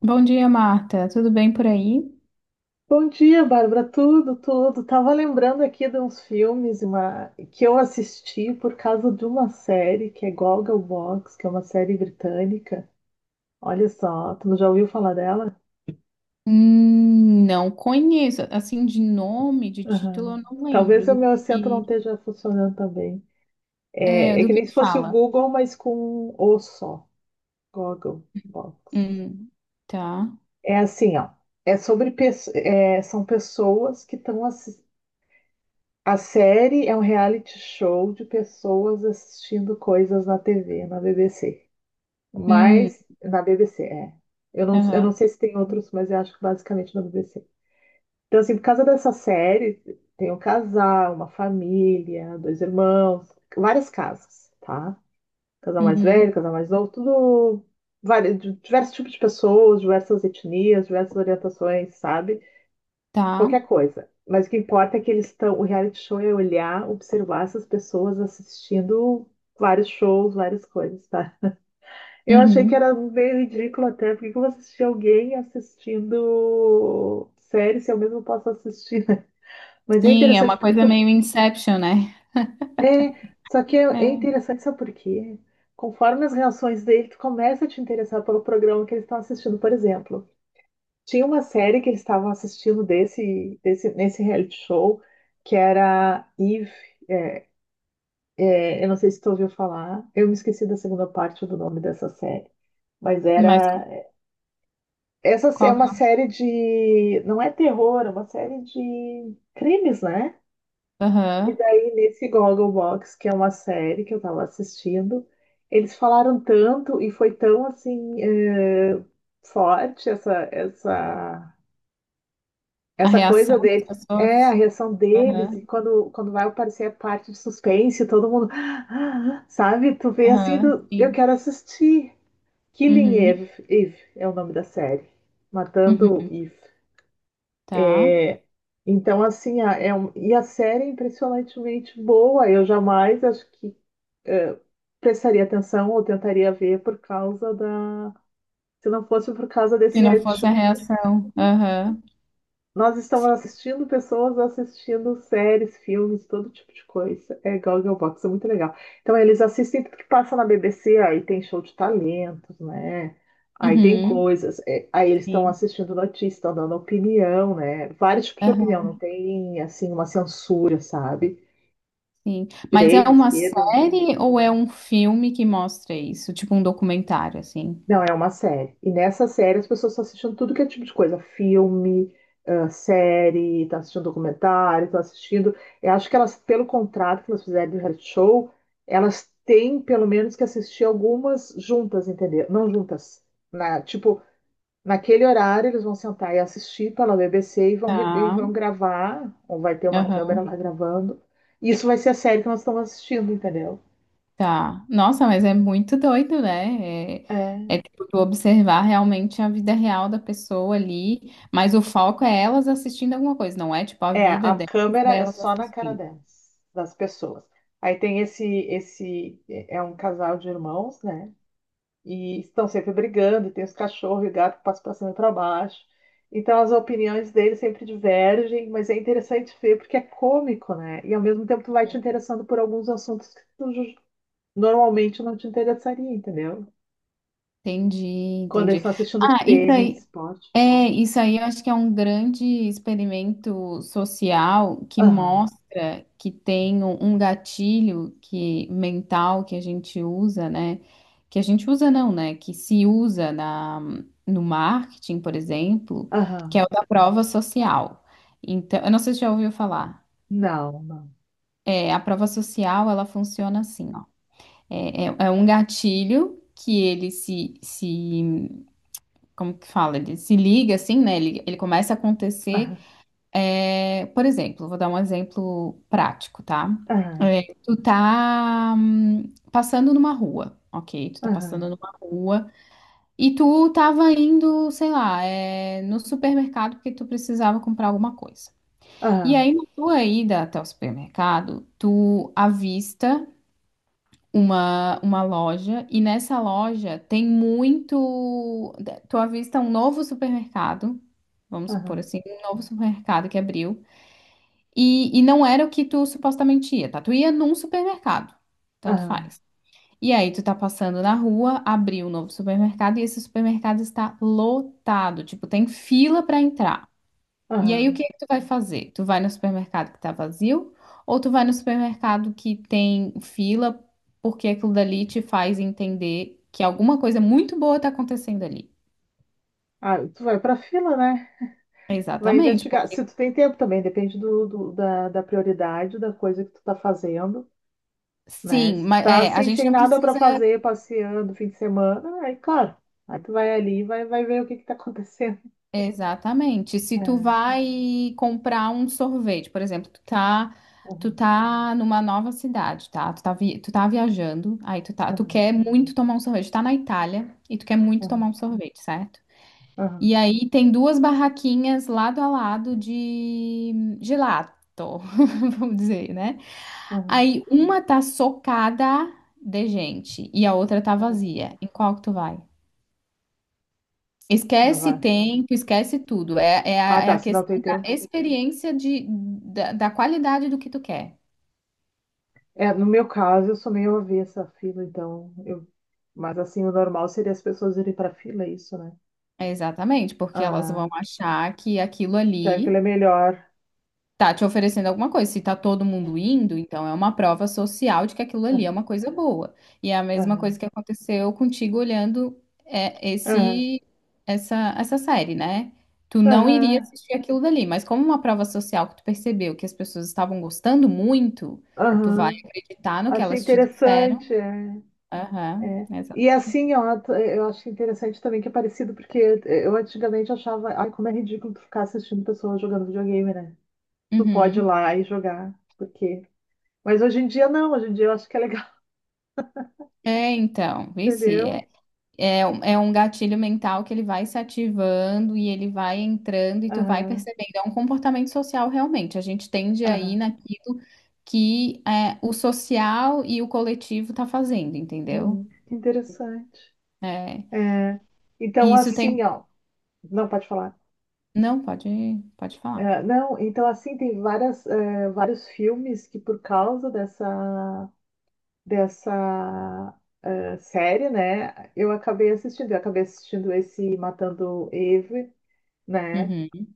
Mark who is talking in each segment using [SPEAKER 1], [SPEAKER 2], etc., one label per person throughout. [SPEAKER 1] Bom dia, Marta. Tudo bem por aí?
[SPEAKER 2] Bom dia, Bárbara. Tudo, tudo. Tava lembrando aqui de uns filmes que eu assisti por causa de uma série que é Gogglebox, que é uma série britânica. Olha só, tu já ouviu falar dela?
[SPEAKER 1] Não conheço. Assim, de nome, de título, eu
[SPEAKER 2] Aham.
[SPEAKER 1] não
[SPEAKER 2] Talvez
[SPEAKER 1] lembro
[SPEAKER 2] o
[SPEAKER 1] do
[SPEAKER 2] meu acento não
[SPEAKER 1] que,
[SPEAKER 2] esteja funcionando também.
[SPEAKER 1] é,
[SPEAKER 2] É
[SPEAKER 1] do
[SPEAKER 2] que nem
[SPEAKER 1] que
[SPEAKER 2] se fosse o
[SPEAKER 1] fala.
[SPEAKER 2] Google, mas com um O só. Gogglebox.
[SPEAKER 1] Hum, tá.
[SPEAKER 2] É assim, ó. São pessoas que estão. A série é um reality show de pessoas assistindo coisas na TV, na BBC.
[SPEAKER 1] Hum,
[SPEAKER 2] Mas, na BBC, é. Eu não
[SPEAKER 1] aham,
[SPEAKER 2] sei se tem outros, mas eu acho que basicamente na BBC. Então, assim, por causa dessa série, tem um casal, uma família, dois irmãos, várias casas, tá? Casal mais velho,
[SPEAKER 1] uhum,
[SPEAKER 2] casal mais novo, tudo. Vários, diversos tipos de pessoas, diversas etnias, diversas orientações, sabe?
[SPEAKER 1] tá.
[SPEAKER 2] Qualquer coisa. Mas o que importa é que eles estão. O reality show é olhar, observar essas pessoas assistindo vários shows, várias coisas, tá? Eu achei que
[SPEAKER 1] Uhum.
[SPEAKER 2] era meio ridículo até, porque que eu vou assistir alguém assistindo série se eu mesmo posso assistir, né? Mas é
[SPEAKER 1] Sim, é
[SPEAKER 2] interessante
[SPEAKER 1] uma
[SPEAKER 2] porque
[SPEAKER 1] coisa
[SPEAKER 2] tu.
[SPEAKER 1] meio Inception, né?
[SPEAKER 2] É, só que é
[SPEAKER 1] É,
[SPEAKER 2] interessante, sabe por quê? Conforme as reações dele, tu começa a te interessar pelo programa que eles estão assistindo, por exemplo. Tinha uma série que eles estavam assistindo nesse reality show, que era Eve. É, eu não sei se tu ouviu falar, eu me esqueci da segunda parte do nome dessa série. Mas
[SPEAKER 1] mas qu-
[SPEAKER 2] era. Essa é
[SPEAKER 1] Qual, que
[SPEAKER 2] uma série de. Não é terror, é uma série de crimes, né?
[SPEAKER 1] é?
[SPEAKER 2] E
[SPEAKER 1] Aham,
[SPEAKER 2] daí, nesse Gogglebox, que é uma série que eu tava assistindo, eles falaram tanto e foi tão assim. Forte essa, essa
[SPEAKER 1] a
[SPEAKER 2] Essa
[SPEAKER 1] reação
[SPEAKER 2] coisa
[SPEAKER 1] das
[SPEAKER 2] deles, é
[SPEAKER 1] pessoas?
[SPEAKER 2] a reação deles,
[SPEAKER 1] Aham,
[SPEAKER 2] e quando vai aparecer a parte de suspense, todo mundo, sabe? Tu vê assim,
[SPEAKER 1] aham,
[SPEAKER 2] do, eu
[SPEAKER 1] sim.
[SPEAKER 2] quero assistir. Killing
[SPEAKER 1] Uhum,
[SPEAKER 2] Eve, Eve é o nome da série. Matando
[SPEAKER 1] uhum,
[SPEAKER 2] Eve.
[SPEAKER 1] tá.
[SPEAKER 2] Então, assim, e a série é impressionantemente boa. Eu jamais acho que eh, prestaria atenção ou tentaria ver por causa da. Se não fosse por causa
[SPEAKER 1] Se
[SPEAKER 2] desse
[SPEAKER 1] não
[SPEAKER 2] reality
[SPEAKER 1] fosse a
[SPEAKER 2] show.
[SPEAKER 1] reação, aham,
[SPEAKER 2] Nós estamos
[SPEAKER 1] sim.
[SPEAKER 2] assistindo pessoas assistindo séries, filmes, todo tipo de coisa. É Goggle Box, é muito legal. Então, eles assistem tudo que passa na BBC, aí tem show de talentos, né? Aí tem
[SPEAKER 1] Uhum.
[SPEAKER 2] coisas. É, aí eles estão
[SPEAKER 1] sim.
[SPEAKER 2] assistindo notícias, estão dando opinião, né? Vários tipos de opinião, não tem, assim, uma censura, sabe?
[SPEAKER 1] Sim. Mas é
[SPEAKER 2] Direita,
[SPEAKER 1] uma
[SPEAKER 2] esquerda, não tem.
[SPEAKER 1] série ou é um filme que mostra isso? Tipo um documentário, assim.
[SPEAKER 2] Não, é uma série. E nessa série as pessoas estão assistindo tudo que é tipo de coisa. Filme, ah, série, estão assistindo documentário, estão assistindo. Eu acho que elas, pelo contrato que elas fizeram do reality show, elas têm pelo menos que assistir algumas juntas, entendeu? Não juntas. Na, tipo, naquele horário eles vão sentar e assistir pela BBC e vão, e
[SPEAKER 1] Tá.
[SPEAKER 2] vão gravar, ou vai ter uma câmera
[SPEAKER 1] Aham.
[SPEAKER 2] lá gravando. Isso vai ser a série que nós estamos assistindo, entendeu?
[SPEAKER 1] Tá. Nossa, mas é muito doido, né? É
[SPEAKER 2] É.
[SPEAKER 1] tipo tu observar realmente a vida real da pessoa ali, mas o foco é elas assistindo alguma coisa, não é tipo a
[SPEAKER 2] É,
[SPEAKER 1] vida
[SPEAKER 2] a
[SPEAKER 1] delas,
[SPEAKER 2] câmera é
[SPEAKER 1] delas
[SPEAKER 2] só na cara
[SPEAKER 1] assistindo.
[SPEAKER 2] delas, das pessoas. Aí tem esse, é um casal de irmãos, né? E estão sempre brigando, e tem os cachorros e o gato que passam para cima e para baixo. Então as opiniões deles sempre divergem, mas é interessante ver porque é cômico, né? E ao mesmo tempo tu vai te interessando por alguns assuntos que normalmente não te interessaria, entendeu?
[SPEAKER 1] Entendi,
[SPEAKER 2] Quando eles
[SPEAKER 1] entendi.
[SPEAKER 2] estão assistindo
[SPEAKER 1] Ah, isso
[SPEAKER 2] tênis,
[SPEAKER 1] aí,
[SPEAKER 2] esporte.
[SPEAKER 1] É, isso aí eu acho que é um grande experimento social que
[SPEAKER 2] Aham,
[SPEAKER 1] mostra que tem um gatilho que mental que a gente usa, né? Que a gente usa não, né? Que se usa no marketing, por exemplo, que é
[SPEAKER 2] aham,
[SPEAKER 1] o da prova social. Então, eu não sei se já ouviu falar.
[SPEAKER 2] não, não.
[SPEAKER 1] É, a prova social, ela funciona assim, ó. É um gatilho que ele se, se, como que fala? Ele se liga assim, né? Ele começa a acontecer.
[SPEAKER 2] Aham,
[SPEAKER 1] É, por exemplo, vou dar um exemplo prático, tá?
[SPEAKER 2] aham,
[SPEAKER 1] É, tu tá passando numa rua, ok? Tu tá passando
[SPEAKER 2] aham,
[SPEAKER 1] numa rua e tu tava indo, sei lá, é, no supermercado porque tu precisava comprar alguma coisa. E
[SPEAKER 2] aham,
[SPEAKER 1] aí, na tua ida até o supermercado, tu avista uma loja e nessa loja tem muito. Tu avista um novo supermercado, vamos supor
[SPEAKER 2] aham.
[SPEAKER 1] assim, um novo supermercado que abriu. E não era o que tu supostamente ia, tá? Tu ia num supermercado, tanto
[SPEAKER 2] Aham,
[SPEAKER 1] faz. E aí tu tá passando na rua, abriu um novo supermercado e esse supermercado está lotado, tipo, tem fila pra entrar. E aí o
[SPEAKER 2] aham.
[SPEAKER 1] que que tu vai fazer? Tu vai no supermercado que tá vazio ou tu vai no supermercado que tem fila porque aquilo dali te faz entender que alguma coisa muito boa tá acontecendo ali?
[SPEAKER 2] Ah, tu vai pra fila, né? Vai
[SPEAKER 1] Exatamente,
[SPEAKER 2] investigar.
[SPEAKER 1] porque
[SPEAKER 2] Se tu tem tempo também, depende da prioridade da coisa que tu tá fazendo, né?
[SPEAKER 1] sim,
[SPEAKER 2] Se tu
[SPEAKER 1] mas
[SPEAKER 2] tá
[SPEAKER 1] é, a
[SPEAKER 2] assim,
[SPEAKER 1] gente
[SPEAKER 2] sem
[SPEAKER 1] não
[SPEAKER 2] nada pra
[SPEAKER 1] precisa.
[SPEAKER 2] fazer, passeando fim de semana, aí, claro. Aí tu vai ali e vai ver o que que tá acontecendo.
[SPEAKER 1] Exatamente. Se tu
[SPEAKER 2] É,
[SPEAKER 1] vai comprar um sorvete, por exemplo, tu
[SPEAKER 2] aham,
[SPEAKER 1] tá numa nova cidade, tá? Tu tá viajando, aí tu tá, tu
[SPEAKER 2] aham,
[SPEAKER 1] quer muito tomar um sorvete, tu tá na Itália e tu quer muito
[SPEAKER 2] aham,
[SPEAKER 1] tomar um sorvete, certo?
[SPEAKER 2] aham,
[SPEAKER 1] E aí tem duas barraquinhas lado a lado de gelato, vamos dizer, né?
[SPEAKER 2] aham,
[SPEAKER 1] Aí uma tá socada de gente e a outra tá
[SPEAKER 2] aham.
[SPEAKER 1] vazia. Em qual que tu vai?
[SPEAKER 2] Não
[SPEAKER 1] Esquece
[SPEAKER 2] vai.
[SPEAKER 1] tempo, esquece tudo.
[SPEAKER 2] Ah,
[SPEAKER 1] É
[SPEAKER 2] tá,
[SPEAKER 1] a
[SPEAKER 2] se não
[SPEAKER 1] questão
[SPEAKER 2] tem
[SPEAKER 1] da
[SPEAKER 2] tempo.
[SPEAKER 1] experiência da qualidade do que tu quer.
[SPEAKER 2] É, no meu caso, eu sou meio avessa à fila, então eu... Mas assim, o normal seria as pessoas irem pra fila, é isso, né?
[SPEAKER 1] É exatamente, porque elas
[SPEAKER 2] Ah.
[SPEAKER 1] vão achar que aquilo
[SPEAKER 2] Que aquilo
[SPEAKER 1] ali
[SPEAKER 2] é melhor.
[SPEAKER 1] tá te oferecendo alguma coisa. Se tá todo mundo indo, então é uma prova social de que aquilo ali é
[SPEAKER 2] Aham,
[SPEAKER 1] uma coisa boa. E é a mesma coisa
[SPEAKER 2] aham,
[SPEAKER 1] que aconteceu contigo olhando
[SPEAKER 2] aham,
[SPEAKER 1] esse essa série, né? Tu não iria
[SPEAKER 2] aham,
[SPEAKER 1] assistir aquilo dali, mas como uma prova social que tu percebeu que as pessoas estavam gostando muito, tu vai
[SPEAKER 2] aham.
[SPEAKER 1] acreditar no que
[SPEAKER 2] Achei
[SPEAKER 1] elas te disseram.
[SPEAKER 2] interessante. É,
[SPEAKER 1] Aham,
[SPEAKER 2] é. E assim,
[SPEAKER 1] exatamente.
[SPEAKER 2] ó, é, eu acho interessante também que é parecido, porque é, eu antigamente achava, ai, como é ridículo tu ficar assistindo pessoas jogando videogame, né? Tu pode ir
[SPEAKER 1] Uhum.
[SPEAKER 2] lá e jogar, porque. Mas hoje em dia não, hoje em dia eu acho que é legal,
[SPEAKER 1] É, então, vice.
[SPEAKER 2] entendeu?
[SPEAKER 1] É, é um gatilho mental que ele vai se ativando e ele vai entrando e tu vai
[SPEAKER 2] Aham,
[SPEAKER 1] percebendo. É um comportamento social realmente. A gente tende aí
[SPEAKER 2] aham.
[SPEAKER 1] naquilo que é, o social e o coletivo tá fazendo, entendeu?
[SPEAKER 2] Que interessante.
[SPEAKER 1] É,
[SPEAKER 2] É. Então,
[SPEAKER 1] e isso
[SPEAKER 2] assim,
[SPEAKER 1] tem.
[SPEAKER 2] ó. Não, pode falar.
[SPEAKER 1] Não, pode, pode falar.
[SPEAKER 2] É, não, então assim tem várias, é, vários filmes que por causa dessa série, né, eu acabei assistindo esse Matando Eve, né,
[SPEAKER 1] Uhum.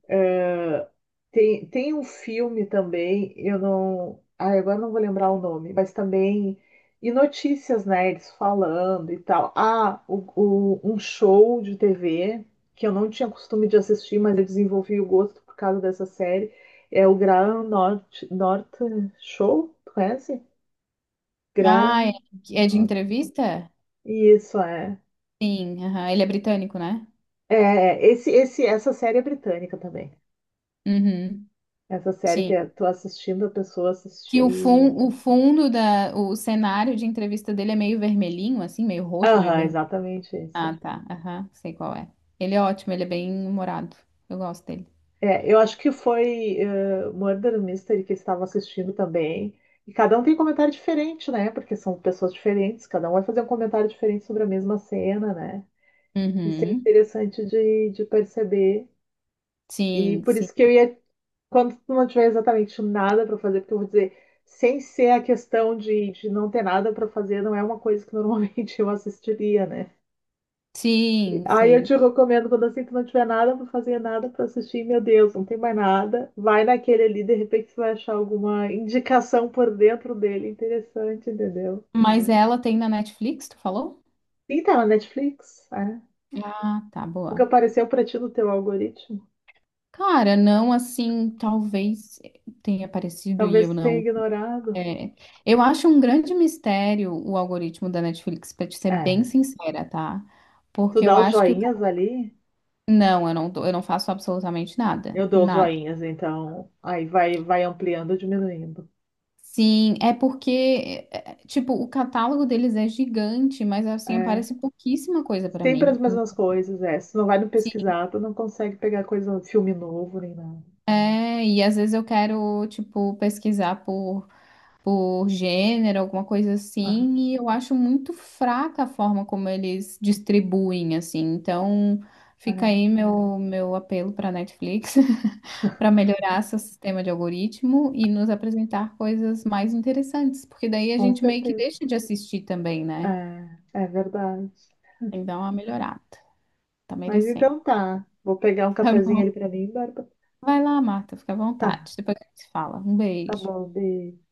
[SPEAKER 2] tem um filme também, eu não. Ai, agora não vou lembrar o nome, mas também. E notícias nerds falando e tal. Ah, um show de TV que eu não tinha costume de assistir, mas eu desenvolvi o gosto por causa dessa série. É o Graham North Show, tu conhece?
[SPEAKER 1] Ah, é,
[SPEAKER 2] Graham
[SPEAKER 1] é de
[SPEAKER 2] North.
[SPEAKER 1] entrevista?
[SPEAKER 2] Isso é.
[SPEAKER 1] Sim, aham. Ele é britânico, né?
[SPEAKER 2] É, essa série é britânica também.
[SPEAKER 1] Uhum.
[SPEAKER 2] Essa série que
[SPEAKER 1] Sim.
[SPEAKER 2] eu tô assistindo, a pessoa
[SPEAKER 1] Que
[SPEAKER 2] assistir.
[SPEAKER 1] o fundo o cenário de entrevista dele é meio vermelhinho, assim, meio roxo, meio
[SPEAKER 2] Aham,
[SPEAKER 1] vermelho.
[SPEAKER 2] exatamente
[SPEAKER 1] Ah,
[SPEAKER 2] isso.
[SPEAKER 1] tá. Aham, sei qual é. Ele é ótimo, ele é bem humorado. Eu gosto dele.
[SPEAKER 2] É, eu acho que foi Murder Mystery que estava assistindo também. E cada um tem um comentário diferente, né? Porque são pessoas diferentes, cada um vai fazer um comentário diferente sobre a mesma cena, né? Isso é
[SPEAKER 1] Uhum.
[SPEAKER 2] interessante de perceber. E
[SPEAKER 1] Sim,
[SPEAKER 2] por
[SPEAKER 1] sim.
[SPEAKER 2] isso que eu ia, quando tu não tiver exatamente nada para fazer, porque eu vou dizer, sem ser a questão de não ter nada para fazer, não é uma coisa que normalmente eu assistiria, né?
[SPEAKER 1] Sim,
[SPEAKER 2] Aí eu
[SPEAKER 1] sim.
[SPEAKER 2] te recomendo, quando assim que não tiver nada pra fazer, nada pra assistir, meu Deus, não tem mais nada. Vai naquele ali, de repente você vai achar alguma indicação por dentro dele interessante, entendeu?
[SPEAKER 1] Mas ela tem na Netflix, tu falou?
[SPEAKER 2] E tá na Netflix, é.
[SPEAKER 1] Ah, tá,
[SPEAKER 2] Nunca
[SPEAKER 1] boa.
[SPEAKER 2] apareceu pra ti no teu algoritmo.
[SPEAKER 1] Cara, não assim, talvez tenha aparecido e
[SPEAKER 2] Talvez
[SPEAKER 1] eu
[SPEAKER 2] tu tenha
[SPEAKER 1] não.
[SPEAKER 2] ignorado.
[SPEAKER 1] É, eu acho um grande mistério o algoritmo da Netflix, pra te ser bem
[SPEAKER 2] É.
[SPEAKER 1] sincera, tá?
[SPEAKER 2] Tu
[SPEAKER 1] Porque eu
[SPEAKER 2] dá os
[SPEAKER 1] acho que. O
[SPEAKER 2] joinhas ali,
[SPEAKER 1] não, eu eu não faço absolutamente nada.
[SPEAKER 2] eu dou os
[SPEAKER 1] Nada.
[SPEAKER 2] joinhas, então aí vai ampliando ou diminuindo.
[SPEAKER 1] Sim, é porque, tipo, o catálogo deles é gigante, mas assim,
[SPEAKER 2] É.
[SPEAKER 1] aparece pouquíssima coisa pra
[SPEAKER 2] Sempre as
[SPEAKER 1] mim.
[SPEAKER 2] mesmas coisas, é. Se não vai no
[SPEAKER 1] Sim.
[SPEAKER 2] pesquisar, tu não consegue pegar coisa, filme novo nem nada.
[SPEAKER 1] É, e às vezes eu quero, tipo, pesquisar por gênero, alguma coisa
[SPEAKER 2] Aham,
[SPEAKER 1] assim, e eu acho muito fraca a forma como eles distribuem, assim. Então, fica
[SPEAKER 2] é.
[SPEAKER 1] aí meu apelo pra Netflix, pra melhorar seu sistema de algoritmo e nos apresentar coisas mais interessantes, porque daí a
[SPEAKER 2] Com
[SPEAKER 1] gente meio que
[SPEAKER 2] certeza.
[SPEAKER 1] deixa de assistir também, né?
[SPEAKER 2] É, é verdade.
[SPEAKER 1] Tem que dar uma melhorada. Tá
[SPEAKER 2] Mas
[SPEAKER 1] merecendo.
[SPEAKER 2] então tá. Vou pegar um
[SPEAKER 1] Tá
[SPEAKER 2] cafezinho ali
[SPEAKER 1] bom?
[SPEAKER 2] pra mim, Bárbara.
[SPEAKER 1] Vai lá, Marta, fica à
[SPEAKER 2] Tá,
[SPEAKER 1] vontade. Depois a gente se fala. Um
[SPEAKER 2] tá
[SPEAKER 1] beijo.
[SPEAKER 2] bom, beijo.